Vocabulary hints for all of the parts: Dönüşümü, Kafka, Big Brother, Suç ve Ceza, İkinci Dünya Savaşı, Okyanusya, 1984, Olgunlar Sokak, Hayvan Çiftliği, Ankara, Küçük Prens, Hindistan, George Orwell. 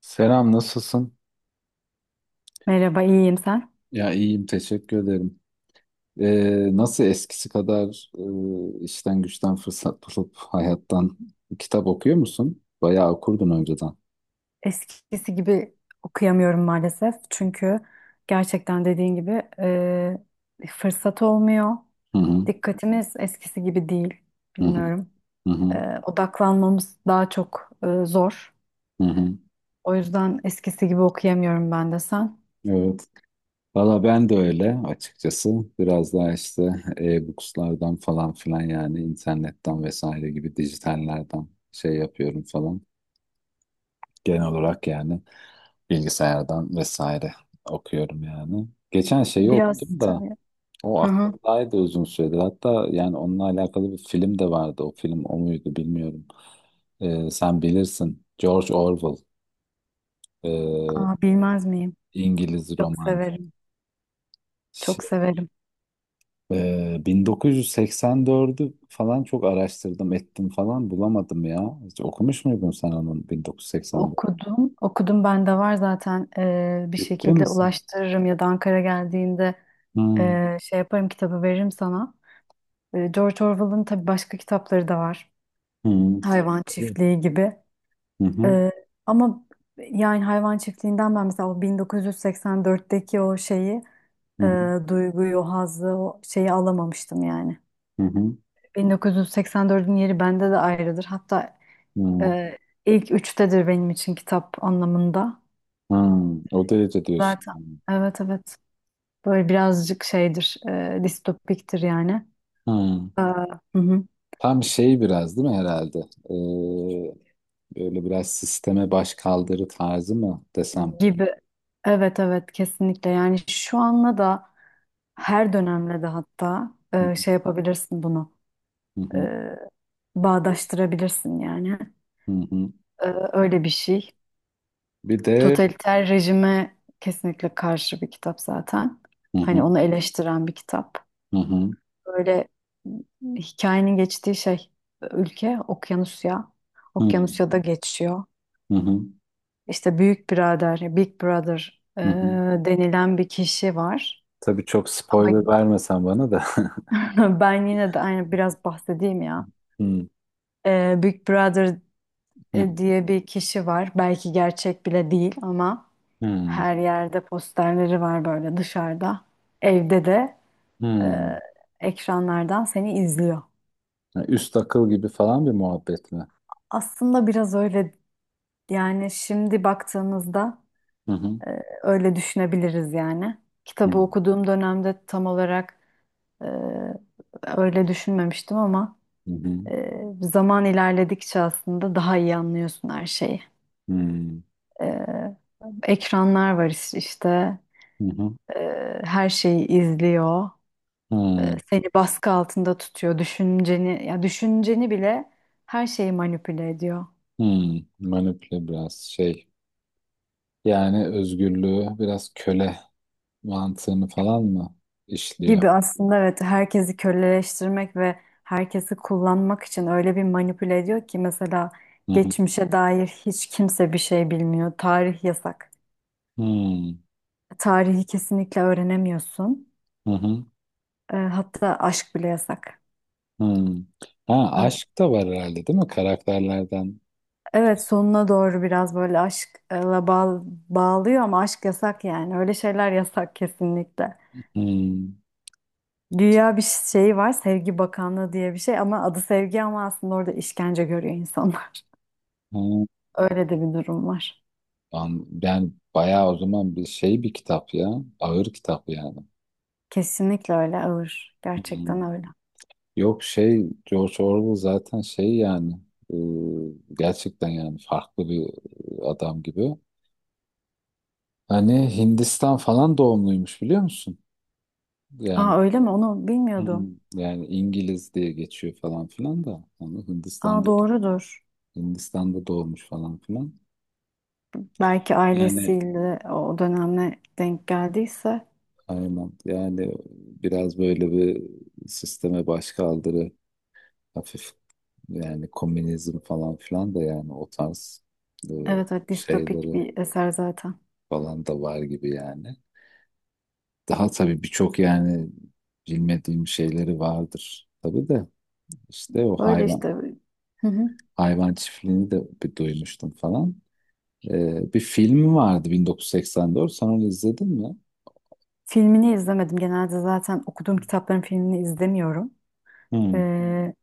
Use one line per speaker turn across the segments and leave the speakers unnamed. Selam, nasılsın?
Merhaba, iyiyim sen?
Ya iyiyim, teşekkür ederim. Nasıl eskisi kadar işten güçten fırsat bulup hayattan kitap okuyor musun? Bayağı okurdun önceden.
Eskisi gibi okuyamıyorum maalesef. Çünkü gerçekten dediğin gibi fırsat olmuyor.
Hı hı,
Dikkatimiz eskisi gibi değil.
hı hı,
Bilmiyorum.
hı hı,
E, odaklanmamız daha çok zor.
hı hı.
O yüzden eskisi gibi okuyamıyorum ben de sen.
Evet. Valla ben de öyle açıkçası. Biraz daha işte e-bookslardan falan filan yani internetten vesaire gibi dijitallerden şey yapıyorum falan. Genel olarak yani bilgisayardan vesaire okuyorum yani. Geçen şeyi
Biraz
okudum da
tabii.
o
Hı hı.
aklımdaydı uzun süredir. Hatta yani onunla alakalı bir film de vardı. O film o muydu bilmiyorum. Sen bilirsin. George Orwell. ee,
Aa, bilmez miyim?
İngiliz
Çok
romancı.
severim. Çok
Şey,
severim.
1984'ü falan çok araştırdım ettim falan bulamadım ya. Hiç okumuş muydun sen onun 1984?
Okudum. Okudum bende var zaten. Bir
Ciddi
şekilde
misin?
ulaştırırım ya da Ankara geldiğinde
Hı,
Şey yaparım kitabı veririm sana. George Orwell'ın tabii başka kitapları da var.
hı, tabii,
Hayvan
tabii.
Çiftliği gibi.
Hı hı,
Ee, ama yani Hayvan Çiftliği'nden ben mesela o 1984'teki o şeyi,
hı
e,
hı,
duyguyu, o hazzı, o şeyi alamamıştım yani.
hı hı,
1984'ün yeri bende de ayrıdır. Hatta
hı.
e, ilk üçtedir benim için kitap anlamında.
Hı, o derece diyorsun,
Zaten
yani.
evet, evet. Böyle birazcık şeydir, distopiktir yani.
Hı.
Ee, hı hı.
Tam şey biraz değil mi herhalde? Ee, böyle biraz sisteme baş kaldırı tarzı mı desem?
Gibi. Evet, evet, kesinlikle yani şu anla da her dönemle de hatta
Hı
şey yapabilirsin bunu
hı,
e,
hı
bağdaştırabilirsin yani.
hı, hı hı.
E, öyle bir şey.
Bir de
Totaliter rejime kesinlikle karşı bir kitap zaten.
hı
Hani
hı,
onu eleştiren bir kitap.
hı hı,
Böyle hikayenin geçtiği şey ülke Okyanusya.
hı
Okyanusya'da geçiyor.
hı, hı, hı,
İşte Büyük Birader, Big Brother
hı hı.
denilen bir kişi var.
Tabii çok
Ama
spoiler vermesen bana da.
ben yine de aynı biraz bahsedeyim ya.
Hı
Big Brother
hı,
diye bir kişi var. Belki gerçek bile değil ama
hı hı.
her yerde posterleri var böyle dışarıda. Evde de e, ekranlardan seni izliyor.
Yani üst akıl gibi falan bir muhabbet mi?
Aslında biraz öyle yani şimdi baktığımızda
Hı hı,
öyle düşünebiliriz yani.
hı
Kitabı okuduğum dönemde tam olarak e, öyle düşünmemiştim ama
hı, hı
zaman ilerledikçe aslında daha iyi anlıyorsun her şeyi.
hı,
Ee, ekranlar var işte.
hı hı,
Her şeyi izliyor.
hı,
Seni baskı altında tutuyor. Düşünceni, ya düşünceni bile her şeyi manipüle ediyor
hı. Manipüle biraz şey. Yani özgürlüğü biraz köle mantığını falan mı işliyor?
gibi aslında. Evet, herkesi köleleştirmek ve herkesi kullanmak için öyle bir manipüle ediyor ki mesela
Hı hı.
geçmişe dair hiç kimse bir şey bilmiyor. Tarih yasak.
Hmm,
Tarihi kesinlikle öğrenemiyorsun.
hı hı,
Hatta aşk bile yasak.
hmm. Ha, aşk da var herhalde değil mi karakterlerden?
Evet, sonuna doğru biraz böyle aşkla bağlıyor ama aşk yasak yani. Öyle şeyler yasak kesinlikle.
Hmm,
Dünya bir şey var, sevgi bakanlığı diye bir şey, ama adı sevgi, ama aslında orada işkence görüyor insanlar.
hmm.
Öyle de bir durum var.
Ben bayağı o zaman bir şey bir kitap ya. Ağır kitap yani.
Kesinlikle öyle ağır.
Hmm.
Gerçekten öyle.
Yok şey George Orwell zaten şey yani e, gerçekten yani farklı bir adam gibi. Hani Hindistan falan doğumluymuş biliyor musun? Yani
Aa öyle mi? Onu bilmiyordum.
hmm, yani İngiliz diye geçiyor falan filan da onu
Aa,
Hindistan'da
doğrudur.
Hindistan'da doğmuş falan filan.
Belki
Yani
ailesiyle o dönemle denk geldiyse.
aynen yani biraz böyle bir sisteme baş kaldırı hafif yani komünizm falan filan da yani o tarz e,
Evet, evet, distopik
şeyleri
bir eser zaten.
falan da var gibi yani. Daha tabii birçok yani bilmediğim şeyleri vardır tabii de işte o
Öyle
hayvan
işte. Hı hı.
hayvan çiftliğini de bir duymuştum falan. Bir film vardı 1984. Sen onu izledin mi?
Filmini izlemedim. Genelde zaten okuduğum kitapların filmini izlemiyorum.
Hmm.
Ee,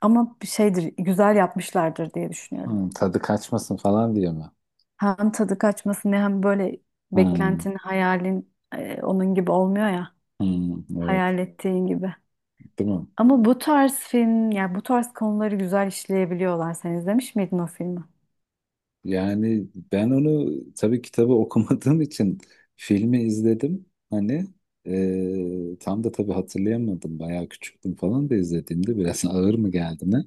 ama bir şeydir, güzel yapmışlardır diye düşünüyorum.
Hmm, tadı kaçmasın falan diye mi?
Hem tadı kaçmasın ne, hem böyle
Hmm.
beklentin, hayalin onun gibi olmuyor ya.
Hmm. Evet,
Hayal ettiğin gibi.
değil mi?
Ama bu tarz film, ya bu tarz konuları güzel işleyebiliyorlar. Sen izlemiş miydin o filmi?
Yani ben onu tabii kitabı okumadığım için filmi izledim. Hani tam da tabii hatırlayamadım. Bayağı küçüktüm falan da izlediğimde biraz ağır mı geldi ne?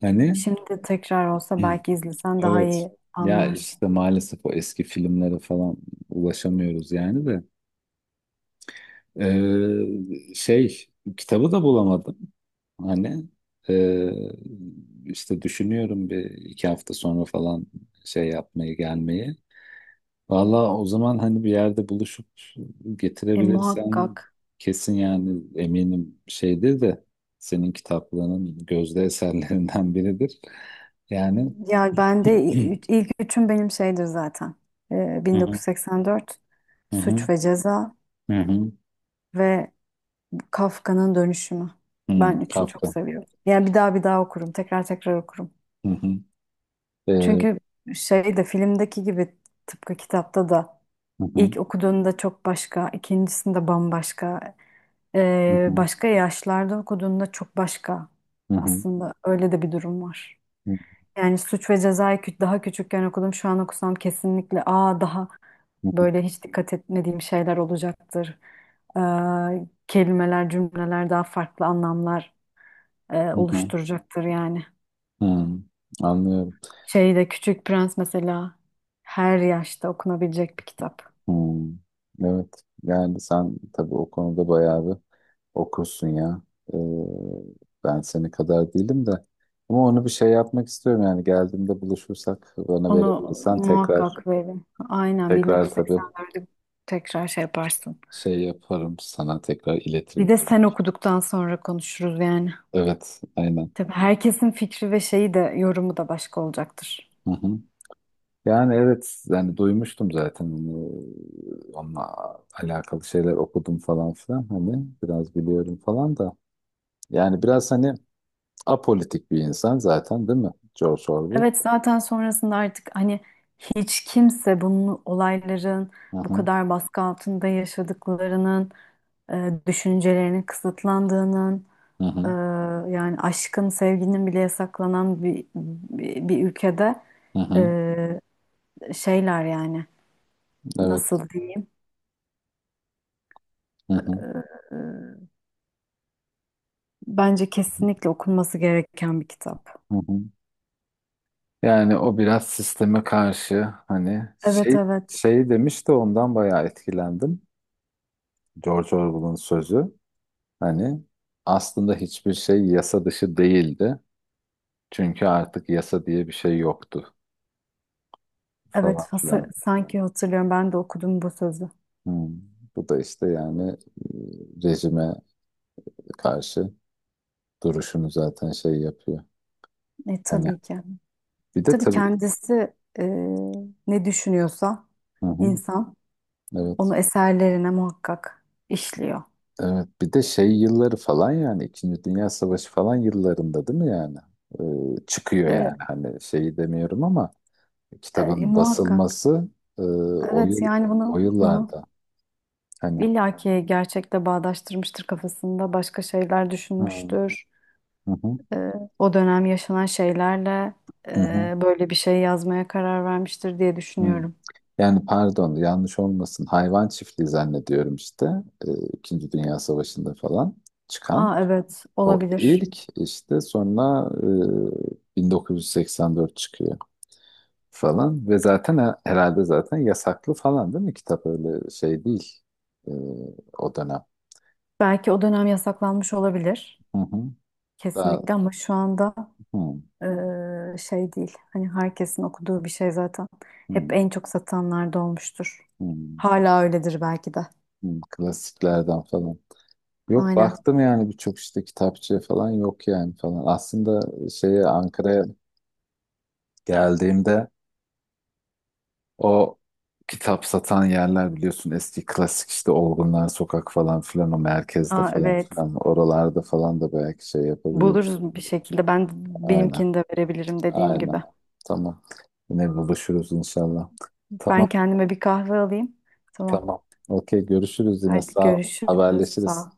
Hani
Şimdi tekrar olsa belki izlesen daha
evet.
iyi
Ya
anlarsın.
işte maalesef o eski filmlere falan ulaşamıyoruz yani de. Ee, şey kitabı da bulamadım. Hani e, işte düşünüyorum bir iki hafta sonra falan şey yapmayı gelmeyi. Valla o zaman hani bir yerde buluşup
E muhakkak.
getirebilirsen kesin yani eminim şeydir de senin kitaplığının gözde eserlerinden biridir. Yani
Ya ben de ilk üçüm benim şeydir zaten.
hı hı,
1984,
hı
Suç
hı,
ve Ceza
hı hı,
ve Kafka'nın Dönüşümü.
hı,
Ben üçünü çok
Kafka.
seviyorum. Yani bir daha bir daha okurum, tekrar tekrar okurum.
Hı hı,
Çünkü şey de filmdeki gibi tıpkı kitapta da
hı,
ilk okuduğunda çok başka, ikincisinde bambaşka,
hı hı,
başka yaşlarda okuduğunda çok başka.
hı hı,
Aslında öyle de bir durum var. Yani Suç ve Ceza'yı daha küçükken okudum. Şu an okusam kesinlikle aa daha
hı hı,
böyle hiç dikkat etmediğim şeyler olacaktır. Ee, kelimeler, cümleler daha farklı anlamlar
hı hı.
oluşturacaktır yani.
Hmm, anlıyorum.
Şeyde Küçük Prens mesela her yaşta okunabilecek bir kitap.
Hmm, evet. Yani sen tabii o konuda bayağı bir okursun ya. Ee, ben seni kadar değilim de. Ama onu bir şey yapmak istiyorum yani geldiğimde buluşursak bana
Onu
verebilirsen tekrar
muhakkak verin. Aynen
tekrar tabii
1984'ü tekrar şey yaparsın.
şey yaparım sana tekrar iletirim
Bir de
tabii.
sen okuduktan sonra konuşuruz yani.
Evet, aynen.
Tabii herkesin fikri ve şeyi de yorumu da başka olacaktır.
Hı hı. Yani evet yani duymuştum zaten onunla alakalı şeyler okudum falan filan hani biraz biliyorum falan da. Yani biraz hani apolitik bir insan zaten değil mi? George Orwell.
Evet zaten sonrasında artık hani hiç kimse bunun olayların
Hı
bu
hı,
kadar baskı altında yaşadıklarının, düşüncelerinin kısıtlandığının,
hı
e,
hı,
yani aşkın, sevginin bile yasaklanan bir ülkede
hı hı.
e, şeyler yani
Evet.
nasıl diyeyim?
Hı hı,
E, bence kesinlikle okunması gereken bir kitap.
hı hı. Yani o biraz sisteme karşı hani
Evet,
şey
evet.
şey demiş de ondan bayağı etkilendim. George Orwell'ın sözü hani aslında hiçbir şey yasa dışı değildi. Çünkü artık yasa diye bir şey yoktu
Evet,
falan filan.
sanki hatırlıyorum, ben de okudum bu sözü.
Hı. Bu da işte yani rejime karşı duruşunu zaten şey yapıyor. Hani
Tabii ki.
bir de
Tabii
tabii
kendisi e, ne düşünüyorsa
hı hı,
insan
evet.
onu eserlerine muhakkak işliyor.
Evet bir de şey yılları falan yani İkinci Dünya Savaşı falan yıllarında değil mi yani? Çıkıyor
E,
yani hani şeyi demiyorum ama kitabın
muhakkak.
basılması e, o
Evet
yıl
yani
o
bunu, hı hı,
yıllarda hani
illa ki gerçekle bağdaştırmıştır kafasında. Başka şeyler
hı
düşünmüştür.
hı, hı
E, o dönem yaşanan şeylerle
hı, hı.
böyle bir şey yazmaya karar vermiştir diye
Hı.
düşünüyorum.
Yani pardon yanlış olmasın hayvan çiftliği zannediyorum işte e, İkinci Dünya Savaşı'nda falan çıkan
Aa evet,
o
olabilir.
ilk işte sonra 1984 çıkıyor falan ve zaten herhalde zaten yasaklı falan değil mi kitap öyle şey değil e, o dönem.
Belki o dönem yasaklanmış olabilir.
Hı hı. Daha
Kesinlikle ama şu anda
hı,
şey değil. Hani herkesin okuduğu bir şey zaten. Hep
hı,
en çok satanlarda olmuştur.
hı,
Hala öyledir belki de.
hı, klasiklerden falan. Yok
Aynen.
baktım yani birçok işte kitapçıya falan yok yani falan. Aslında şeye Ankara'ya geldiğimde o kitap satan yerler biliyorsun eski klasik işte Olgunlar Sokak falan filan o merkezde
Aa,
falan
evet.
filan oralarda falan da belki şey yapabiliriz.
Buluruz bir şekilde.
Aynen.
Benimkini de verebilirim dediğim gibi.
Aynen. Tamam. Yine buluşuruz inşallah. Tamam,
Ben kendime bir kahve alayım. Tamam.
tamam. Okey, görüşürüz yine.
Hadi
Sağ ol.
görüşürüz. Sağ
Haberleşiriz.
ol.